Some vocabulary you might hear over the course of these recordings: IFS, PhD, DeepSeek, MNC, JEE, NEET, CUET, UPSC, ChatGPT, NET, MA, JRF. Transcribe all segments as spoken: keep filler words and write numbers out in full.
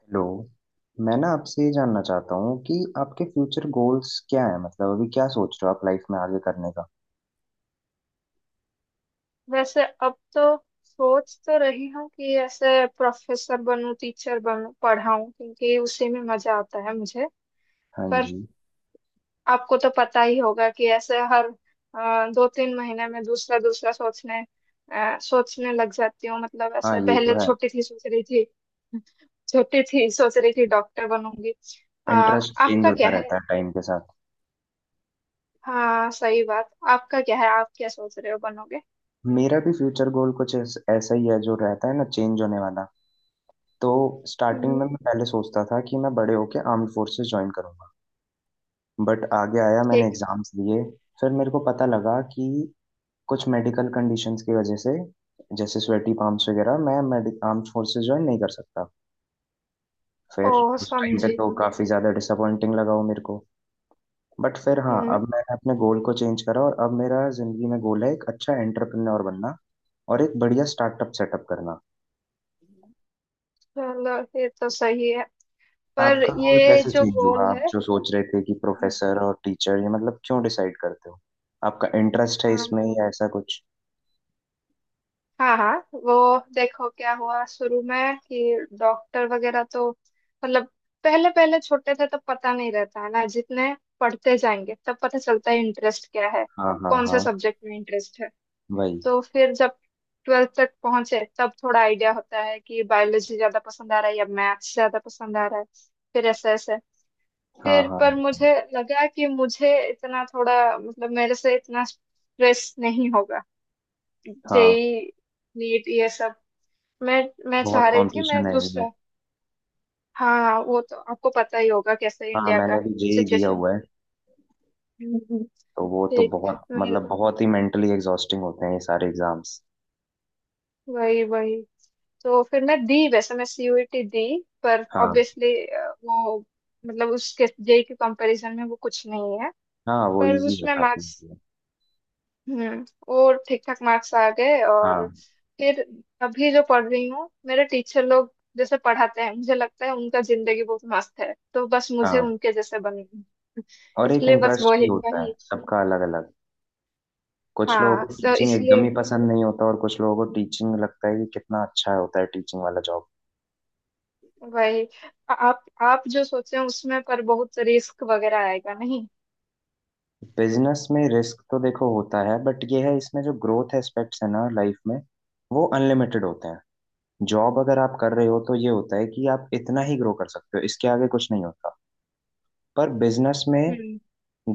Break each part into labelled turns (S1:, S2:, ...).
S1: Hello. मैं ना आपसे ये जानना चाहता हूँ कि आपके फ्यूचर गोल्स क्या है, मतलब अभी क्या सोच रहे हो आप लाइफ में आगे करने का।
S2: वैसे अब तो सोच तो रही हूँ कि ऐसे प्रोफेसर बनूं, टीचर बनूं, पढ़ाऊं, क्योंकि उसी में मजा आता है मुझे।
S1: हाँ
S2: पर
S1: जी।
S2: आपको तो पता ही होगा कि ऐसे हर अ, दो तीन महीने में दूसरा दूसरा सोचने अ, सोचने लग जाती हूँ। मतलब
S1: हाँ,
S2: ऐसे
S1: ये तो
S2: पहले
S1: है।
S2: छोटी थी सोच रही थी छोटी थी, सोच रही थी डॉक्टर बनूंगी। अ,
S1: इंटरेस्ट चेंज
S2: आपका
S1: होता
S2: क्या
S1: रहता
S2: है?
S1: है टाइम के साथ।
S2: हाँ, सही बात। आपका क्या है? आप क्या सोच रहे हो, बनोगे?
S1: मेरा भी फ्यूचर गोल कुछ ऐस- ऐसा ही है, जो रहता है ना, चेंज होने वाला। तो स्टार्टिंग में
S2: हम्म।
S1: मैं पहले सोचता था कि मैं बड़े होके आर्म्ड फोर्सेस ज्वाइन करूंगा। बट आगे आया, मैंने
S2: ठीक।
S1: एग्जाम्स दिए। फिर मेरे को पता लगा कि कुछ मेडिकल कंडीशंस की वजह से, जैसे स्वेटी palms वगैरह, मैं आर्म्ड फोर्सेस ज्वाइन नहीं कर सकता।
S2: ओ,
S1: फिर उस टाइम पे
S2: समझी।
S1: तो काफी ज्यादा डिसअपॉइंटिंग लगा वो मेरे को। बट फिर हाँ, अब
S2: हम्म।
S1: मैंने अपने गोल को चेंज करा, और अब मेरा जिंदगी में गोल है एक अच्छा एंटरप्रेन्योर बनना। और एक बढ़िया स्टार्टअप सेटअप करना।
S2: चलो, ये तो सही है। पर
S1: आपका गोल
S2: ये
S1: कैसे
S2: जो
S1: चेंज हुआ?
S2: गोल
S1: आप
S2: है,
S1: जो सोच रहे थे कि प्रोफेसर और टीचर, ये मतलब क्यों डिसाइड करते हो? आपका इंटरेस्ट है इसमें
S2: अम,
S1: या ऐसा कुछ?
S2: हाँ हाँ, वो देखो क्या हुआ शुरू में कि डॉक्टर वगैरह तो मतलब, पहले पहले छोटे थे, तब पता नहीं रहता है ना, जितने पढ़ते जाएंगे तब पता चलता है इंटरेस्ट क्या है,
S1: हाँ, हाँ,
S2: कौन से
S1: हाँ।
S2: सब्जेक्ट में इंटरेस्ट है।
S1: वही।
S2: तो फिर जब ट्वेल्थ तक पहुंचे, तब थोड़ा आइडिया होता है कि बायोलॉजी ज्यादा पसंद आ रहा है या मैथ्स ज्यादा पसंद आ रहा है। फिर ऐसे ऐसे,
S1: हाँ,
S2: फिर पर
S1: हाँ,
S2: मुझे लगा कि मुझे इतना, थोड़ा मतलब मेरे से इतना स्ट्रेस नहीं होगा।
S1: हाँ।
S2: जेई, नीट, ये सब, मैं मैं
S1: बहुत
S2: चाह रही थी मैं
S1: कंपटीशन है इनमें।
S2: दूसरा। हाँ, वो तो आपको पता ही होगा कैसे
S1: हाँ,
S2: इंडिया
S1: मैंने
S2: का
S1: भी जे ई दिया
S2: सिचुएशन।
S1: हुआ है।
S2: हम्म।
S1: तो वो तो
S2: ठीक।
S1: बहुत
S2: मैं,
S1: मतलब बहुत ही मेंटली एग्जॉस्टिंग होते हैं ये सारे एग्जाम्स।
S2: वही वही, तो फिर मैं दी वैसे मैं सीयूईटी दी। पर
S1: हाँ,
S2: ऑब्वियसली वो, मतलब उसके जेई के कंपैरिजन में वो कुछ नहीं है।
S1: हाँ, वो
S2: पर
S1: इजी है,
S2: उसमें
S1: काफी
S2: मार्क्स,
S1: easy है।
S2: हम्म, और ठीक ठाक मार्क्स आ गए।
S1: हाँ,
S2: और फिर अभी जो पढ़ रही हूँ, मेरे टीचर लोग जैसे पढ़ाते हैं, मुझे लगता है उनका जिंदगी बहुत मस्त है, तो बस मुझे
S1: हाँ।
S2: उनके जैसे बन।
S1: और एक
S2: इसलिए बस
S1: इंटरेस्ट भी
S2: वही
S1: होता है
S2: वही।
S1: सबका अलग अलग। कुछ लोगों
S2: हाँ,
S1: को
S2: तो
S1: टीचिंग एकदम
S2: इसलिए
S1: ही पसंद नहीं होता, और कुछ लोगों को टीचिंग लगता है कि कितना अच्छा होता है टीचिंग वाला जॉब।
S2: वही, आ- आप आप जो सोचे हैं उसमें, पर बहुत रिस्क वगैरह आएगा नहीं?
S1: बिजनेस में रिस्क तो देखो होता है, बट ये है इसमें जो ग्रोथ एस्पेक्ट्स है ना लाइफ में, वो अनलिमिटेड होते हैं। जॉब अगर आप कर रहे हो, तो ये होता है कि आप इतना ही ग्रो कर सकते हो, इसके आगे कुछ नहीं होता। पर बिजनेस में
S2: हम्म,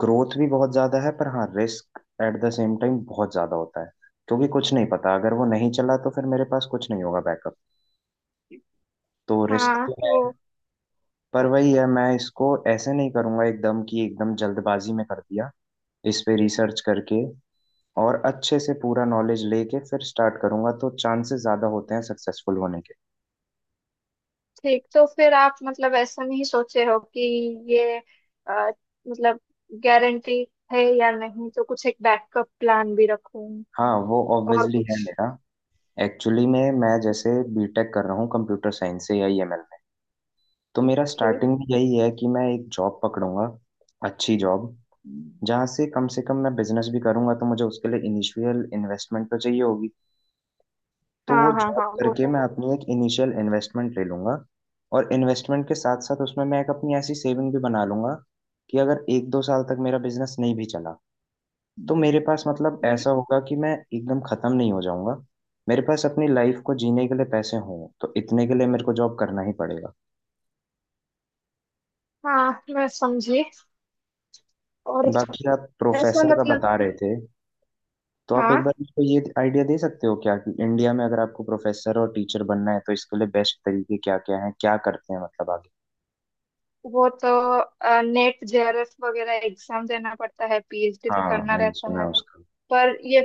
S1: ग्रोथ भी बहुत ज्यादा है, पर हाँ, risk at the same time बहुत ज्यादा होता है। क्योंकि कुछ नहीं पता, अगर वो नहीं चला तो फिर मेरे पास कुछ नहीं होगा बैकअप। तो रिस्क
S2: हाँ
S1: तो है,
S2: वो।
S1: पर वही है, मैं इसको ऐसे नहीं करूंगा एकदम, कि एकदम जल्दबाजी में कर दिया। इस पे रिसर्च करके और अच्छे से पूरा नॉलेज लेके फिर स्टार्ट करूंगा, तो चांसेस ज्यादा होते हैं सक्सेसफुल होने के।
S2: ठीक, तो फिर आप मतलब ऐसा नहीं सोचे हो कि ये, अ, मतलब गारंटी है या नहीं, तो कुछ एक बैकअप प्लान भी रखूं,
S1: हाँ, वो
S2: और
S1: ऑब्वियसली है
S2: कुछ?
S1: मेरा। एक्चुअली में मैं जैसे बीटेक कर रहा हूँ कंप्यूटर साइंस से या ईएमएल, तो मेरा
S2: ठीक।
S1: स्टार्टिंग में यही है कि मैं एक जॉब पकड़ूंगा, अच्छी जॉब। हम्म, जहाँ से कम से कम मैं बिजनेस भी करूंगा तो मुझे उसके लिए इनिशियल इन्वेस्टमेंट तो चाहिए होगी। तो वो
S2: हाँ हाँ
S1: जॉब
S2: हाँ, वो
S1: करके
S2: तो।
S1: मैं अपनी एक इनिशियल इन्वेस्टमेंट ले लूंगा। और इन्वेस्टमेंट के साथ साथ उसमें मैं एक अपनी ऐसी सेविंग भी बना लूंगा, कि अगर एक दो साल तक मेरा बिजनेस नहीं भी चला, तो मेरे पास, मतलब
S2: हम्म।
S1: ऐसा होगा कि मैं एकदम खत्म नहीं हो जाऊंगा। मेरे पास अपनी लाइफ को जीने के लिए पैसे हों, तो इतने के लिए मेरे को जॉब करना ही पड़ेगा।
S2: हाँ, मैं समझी। और
S1: बाकी आप
S2: ऐसा
S1: प्रोफेसर का
S2: मतलब,
S1: बता रहे थे, तो आप
S2: हाँ,
S1: एक बार मुझको ये आइडिया दे सकते हो क्या, कि इंडिया में अगर आपको प्रोफेसर और टीचर बनना है, तो इसके लिए बेस्ट तरीके क्या क्या हैं, क्या करते हैं मतलब आगे?
S2: वो तो नेट जेआरएफ वगैरह एग्जाम देना पड़ता है, पीएचडी तो
S1: हाँ,
S2: करना
S1: मैंने
S2: रहता
S1: सुना
S2: है।
S1: है उसका।
S2: पर ये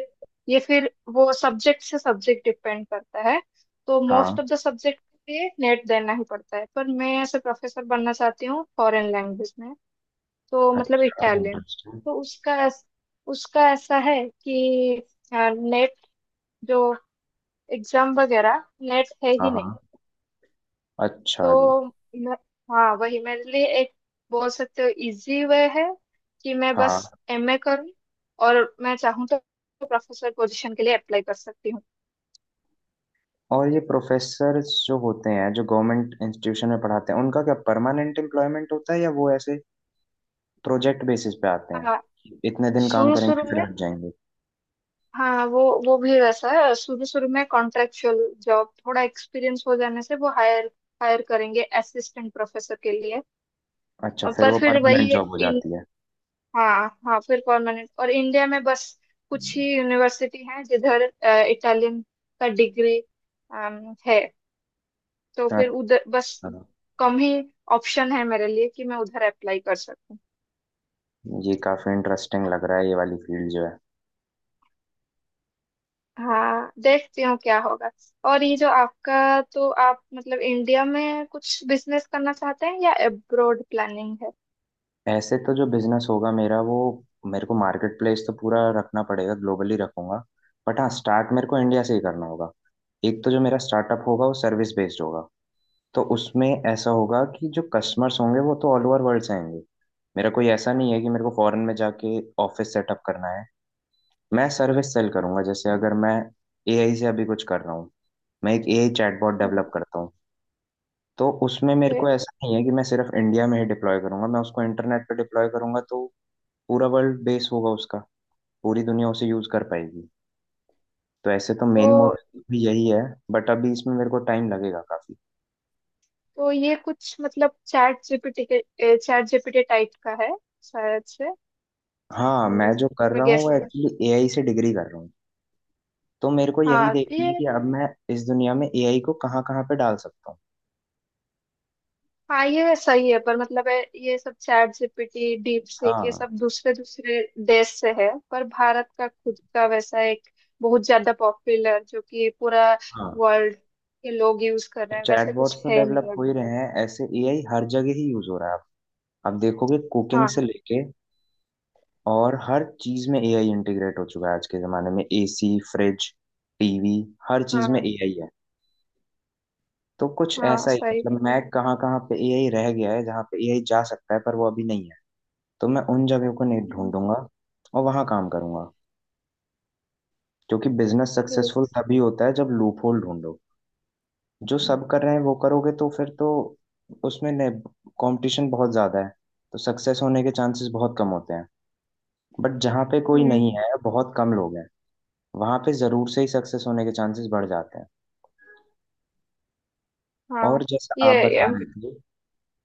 S2: ये फिर वो सब्जेक्ट से सब्जेक्ट डिपेंड करता है। तो
S1: हाँ।
S2: मोस्ट ऑफ द सब्जेक्ट के लिए नेट देना ही पड़ता है, पर मैं ऐसे प्रोफेसर बनना चाहती हूँ फॉरेन लैंग्वेज में। तो मतलब
S1: अच्छा,
S2: इटालियन।
S1: इंटरेस्टिंग।
S2: तो उसका ऐस- उसका ऐसा है कि नेट, जो एग्जाम वगैरह, नेट है
S1: हाँ,
S2: ही नहीं।
S1: हाँ। अच्छा जी।
S2: तो मैं- हाँ, वही मेरे लिए एक, बोल सकते हो इजी वे है, कि मैं बस
S1: हाँ।
S2: एमए करूँ, और मैं चाहूँ तो प्रोफेसर पोजीशन के लिए अप्लाई कर सकती हूँ।
S1: और ये प्रोफेसर जो होते हैं, जो गवर्नमेंट इंस्टीट्यूशन में पढ़ाते हैं, उनका क्या परमानेंट एम्प्लॉयमेंट होता है, या वो ऐसे प्रोजेक्ट बेसिस पे आते
S2: हाँ,
S1: हैं, इतने दिन काम
S2: शुरू शुरू
S1: करेंगे फिर
S2: में,
S1: हट जाएंगे?
S2: हाँ वो वो भी वैसा है, शुरू शुरू में कॉन्ट्रेक्चुअल जॉब, थोड़ा एक्सपीरियंस हो जाने से वो हायर हायर करेंगे असिस्टेंट प्रोफेसर के लिए।
S1: अच्छा,
S2: और
S1: फिर
S2: पर
S1: वो
S2: फिर
S1: परमानेंट
S2: वही
S1: जॉब हो
S2: इन,
S1: जाती है।
S2: हाँ हाँ, फिर परमानेंट। और इंडिया में बस कुछ ही यूनिवर्सिटी हैं जिधर इटालियन का डिग्री है। तो फिर उधर बस
S1: अच्छा।
S2: कम ही ऑप्शन है मेरे लिए कि मैं उधर अप्लाई कर सकूं।
S1: ये काफी इंटरेस्टिंग लग रहा है, ये वाली फील्ड जो है।
S2: हाँ, देखती हूँ क्या होगा। और ये जो आपका, तो आप मतलब इंडिया में कुछ बिजनेस करना चाहते हैं या अब्रॉड प्लानिंग है?
S1: ऐसे तो जो बिजनेस होगा मेरा, वो, मेरे को मार्केट प्लेस तो पूरा रखना पड़ेगा, ग्लोबली रखूंगा। बट हाँ, स्टार्ट मेरे को इंडिया से ही करना होगा। एक तो जो मेरा स्टार्टअप होगा वो सर्विस बेस्ड होगा। तो उसमें ऐसा होगा कि जो कस्टमर्स होंगे वो तो ऑल ओवर वर्ल्ड से आएंगे। मेरा कोई ऐसा नहीं है कि मेरे को फॉरेन में जाके ऑफिस सेटअप करना है। मैं सर्विस सेल करूंगा। जैसे अगर मैं ए आई से अभी कुछ कर रहा हूँ, मैं एक ए आई चैटबॉट
S2: हम्म।
S1: डेवलप करता हूँ। तो उसमें मेरे
S2: ओके।
S1: को ऐसा नहीं है कि मैं सिर्फ इंडिया में ही डिप्लॉय करूंगा, मैं उसको इंटरनेट पे डिप्लॉय करूंगा, तो पूरा वर्ल्ड बेस होगा उसका, पूरी दुनिया उसे यूज कर पाएगी। तो ऐसे तो मेन
S2: तो
S1: मोटिव भी यही है, बट अभी इसमें मेरे को टाइम लगेगा काफी।
S2: तो ये कुछ मतलब चैट जीपीटी के चैट जीपीटी टाइप का है शायद से।
S1: हाँ,
S2: हम्म,
S1: मैं जो कर
S2: मैं
S1: रहा हूँ वो
S2: गेस।
S1: एक्चुअली ए आई से डिग्री कर रहा हूँ। तो मेरे को यही
S2: हाँ
S1: देखना है
S2: ये,
S1: कि अब मैं इस दुनिया में ए आई को कहाँ कहाँ पे डाल सकता हूँ।
S2: हाँ ये सही है, पर मतलब है ये सब चैट जीपीटी, डीप सीक, ये
S1: हाँ,
S2: सब दूसरे दूसरे देश से है, पर भारत का खुद का वैसा एक बहुत ज्यादा पॉपुलर जो कि पूरा
S1: हाँ।
S2: वर्ल्ड के लोग यूज कर रहे हैं, वैसे कुछ
S1: चैटबॉट्स तो
S2: है नहीं
S1: डेवलप हो
S2: अभी।
S1: ही रहे हैं ऐसे, ए आई हर जगह ही यूज हो रहा है अब। आप देखोगे कुकिंग से
S2: हाँ
S1: लेके और हर चीज में ए आई इंटीग्रेट हो चुका है आज के जमाने में। ए सी, फ्रिज, टी वी, हर चीज में
S2: हाँ
S1: एआई है। तो कुछ
S2: हाँ,
S1: ऐसा ही,
S2: सही है।
S1: मतलब मैं कहाँ कहाँ पे ए आई रह गया है, जहाँ पे ए आई जा सकता है पर वो अभी नहीं है, तो मैं उन जगहों को नहीं
S2: हम्म,
S1: ढूंढूंगा और वहां काम करूंगा। क्योंकि बिजनेस सक्सेसफुल
S2: ठीक।
S1: तभी होता है जब लूपहोल ढूंढो। जो सब कर रहे हैं वो करोगे, तो फिर तो उसमें कंपटीशन बहुत ज्यादा है, तो सक्सेस होने के चांसेस बहुत कम होते हैं। बट जहाँ पे कोई नहीं
S2: हम्म,
S1: है, बहुत कम लोग हैं, वहां पे जरूर से ही सक्सेस होने के चांसेस बढ़ जाते हैं।
S2: हाँ
S1: और जैसा
S2: ये,
S1: आप बता
S2: अम,
S1: रहे थे,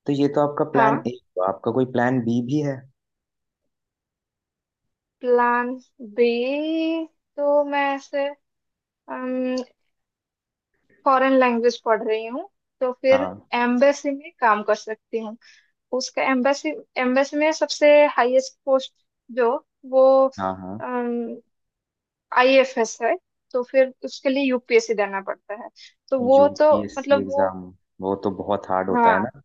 S1: तो ये तो आपका
S2: हाँ,
S1: प्लान ए हुआ, आपका कोई प्लान बी भी है?
S2: प्लान बी, तो मैं ऐसे फॉरेन लैंग्वेज पढ़ रही हूँ, तो फिर
S1: हाँ,
S2: एम्बेसी में काम कर सकती हूँ। उसका एम्बेसी एम्बेसी में सबसे हाईएस्ट पोस्ट जो वो
S1: हाँ, हाँ।
S2: आईएफएस है, तो फिर उसके लिए यूपीएससी देना पड़ता है। तो वो तो
S1: यू पी एस सी
S2: मतलब वो,
S1: एग्जाम, वो तो बहुत हार्ड होता है
S2: हाँ
S1: ना।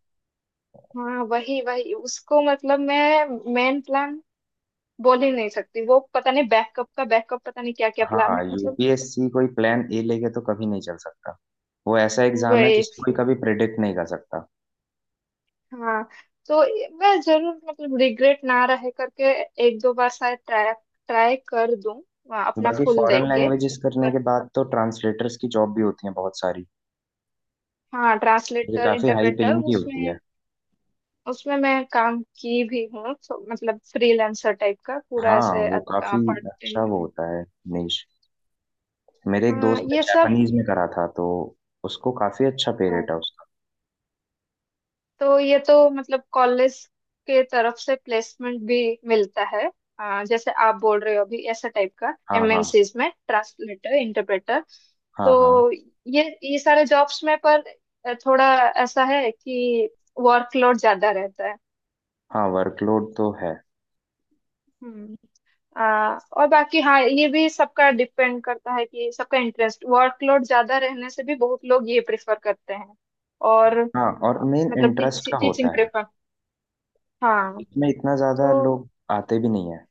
S2: हाँ, वही वही उसको, मतलब मैं मेन प्लान बोल ही नहीं सकती, वो पता नहीं, बैकअप का बैकअप, पता नहीं क्या क्या प्लान
S1: हाँ,
S2: है मतलब।
S1: यूपीएससी कोई प्लान ए लेके तो कभी नहीं चल सकता। वो ऐसा एग्जाम है जिसको
S2: वही,
S1: कोई कभी प्रिडिक्ट नहीं कर सकता।
S2: हाँ, तो मैं जरूर मतलब रिग्रेट ना रहे करके, एक दो बार शायद ट्राई ट्राई कर दूं, आ, अपना
S1: बाकी
S2: फुल
S1: फॉरेन
S2: देख के।
S1: लैंग्वेजेस करने के बाद तो ट्रांसलेटर्स की जॉब भी होती है बहुत सारी।
S2: हाँ,
S1: ये
S2: ट्रांसलेटर
S1: काफी हाई
S2: इंटरप्रेटर
S1: पेइंग भी होती
S2: उसमें
S1: है।
S2: उसमें मैं काम की भी हूँ, तो मतलब फ्रीलांसर टाइप का पूरा
S1: हाँ,
S2: ऐसे,
S1: वो काफी।
S2: पार्ट
S1: अच्छा,
S2: टाइम।
S1: वो होता है निश। मेरे एक
S2: हाँ,
S1: दोस्त ने
S2: ये सब।
S1: जापानीज में करा था, तो उसको काफी अच्छा पे
S2: हाँ,
S1: रेट है उसका।
S2: तो ये तो मतलब कॉलेज के तरफ से प्लेसमेंट भी मिलता है। हाँ, जैसे आप बोल रहे हो अभी ऐसा टाइप का,
S1: हाँ, हाँ।
S2: एमएनसीज में ट्रांसलेटर इंटरप्रेटर।
S1: हाँ, हाँ,
S2: तो ये ये सारे जॉब्स में पर थोड़ा ऐसा है कि वर्कलोड ज्यादा रहता है।
S1: हाँ। वर्कलोड तो है।
S2: हम्म। आ, और बाकी, हाँ, ये भी सबका डिपेंड करता है कि सबका इंटरेस्ट, वर्कलोड ज्यादा रहने से भी बहुत लोग ये प्रेफर करते हैं। और
S1: हाँ, और मेन
S2: मतलब
S1: इंटरेस्ट का
S2: टीचिंग
S1: होता है।
S2: प्रेफर, हाँ,
S1: इसमें इतना ज्यादा
S2: तो
S1: लोग आते भी नहीं है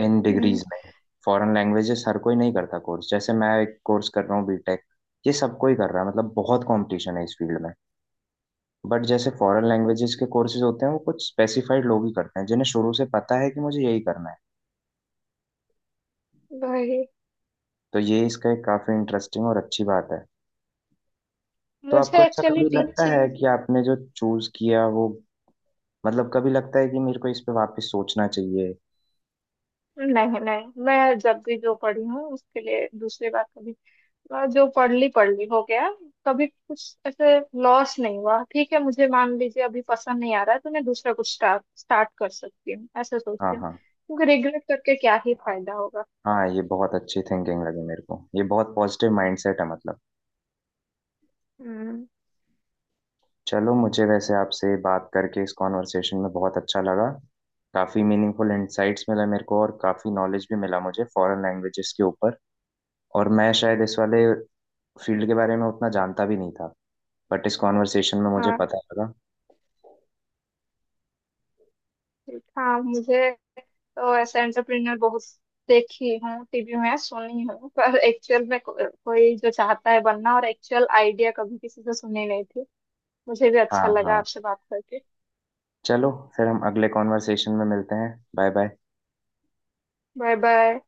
S1: इन
S2: हम्म,
S1: डिग्रीज में। फॉरेन लैंग्वेजेस हर कोई नहीं करता कोर्स। जैसे मैं एक कोर्स कर रहा हूँ बीटेक, ये सब कोई कर रहा है, मतलब बहुत कंपटीशन है इस फील्ड में। बट जैसे फॉरेन लैंग्वेजेस के कोर्सेज होते हैं, वो कुछ स्पेसिफाइड लोग ही करते हैं, जिन्हें शुरू से पता है कि मुझे यही करना है।
S2: वही।
S1: तो ये इसका एक काफी इंटरेस्टिंग और अच्छी बात है। तो आपको
S2: मुझे
S1: ऐसा
S2: एक्चुअली
S1: कभी लगता है
S2: टीचिंग,
S1: कि आपने जो चूज किया वो, मतलब कभी लगता है कि मेरे को इस पे वापस सोचना चाहिए?
S2: नहीं नहीं, मैं जब भी जो पढ़ी हूँ उसके लिए दूसरी बार कभी, बात, जो पढ़ ली पढ़ ली हो गया, कभी कुछ ऐसे लॉस नहीं हुआ। ठीक है, मुझे मान लीजिए अभी पसंद नहीं आ रहा है, तो मैं दूसरा कुछ स्टार्ट स्टार्ट कर सकती हूँ, ऐसा
S1: हाँ,
S2: सोचती हूँ,
S1: हाँ,
S2: क्योंकि रिग्रेट करके क्या ही फायदा होगा।
S1: हाँ, ये बहुत अच्छी थिंकिंग लगी मेरे को। ये बहुत पॉजिटिव माइंडसेट है, मतलब।
S2: हम्म।
S1: चलो, मुझे वैसे आपसे बात करके इस कॉन्वर्सेशन में बहुत अच्छा लगा। काफी मीनिंगफुल इंसाइट्स मिला मेरे को, और काफी नॉलेज भी मिला मुझे फॉरेन लैंग्वेजेस के ऊपर। और मैं शायद इस वाले फील्ड के बारे में उतना जानता भी नहीं था, बट इस कॉन्वर्सेशन में मुझे
S2: हाँ,
S1: पता लगा।
S2: ठीक, हाँ मुझे, तो ऐसे एंटरप्रेन्योर बहुत देखी हूँ टीवी में, सुनी हूँ, पर एक्चुअल में को, कोई जो चाहता है बनना और एक्चुअल आइडिया कभी किसी से सुनी नहीं थी। मुझे भी
S1: हाँ,
S2: अच्छा लगा
S1: हाँ।
S2: आपसे बात करके।
S1: चलो, फिर हम अगले कॉन्वर्सेशन में मिलते हैं। Bye bye.
S2: Bye bye.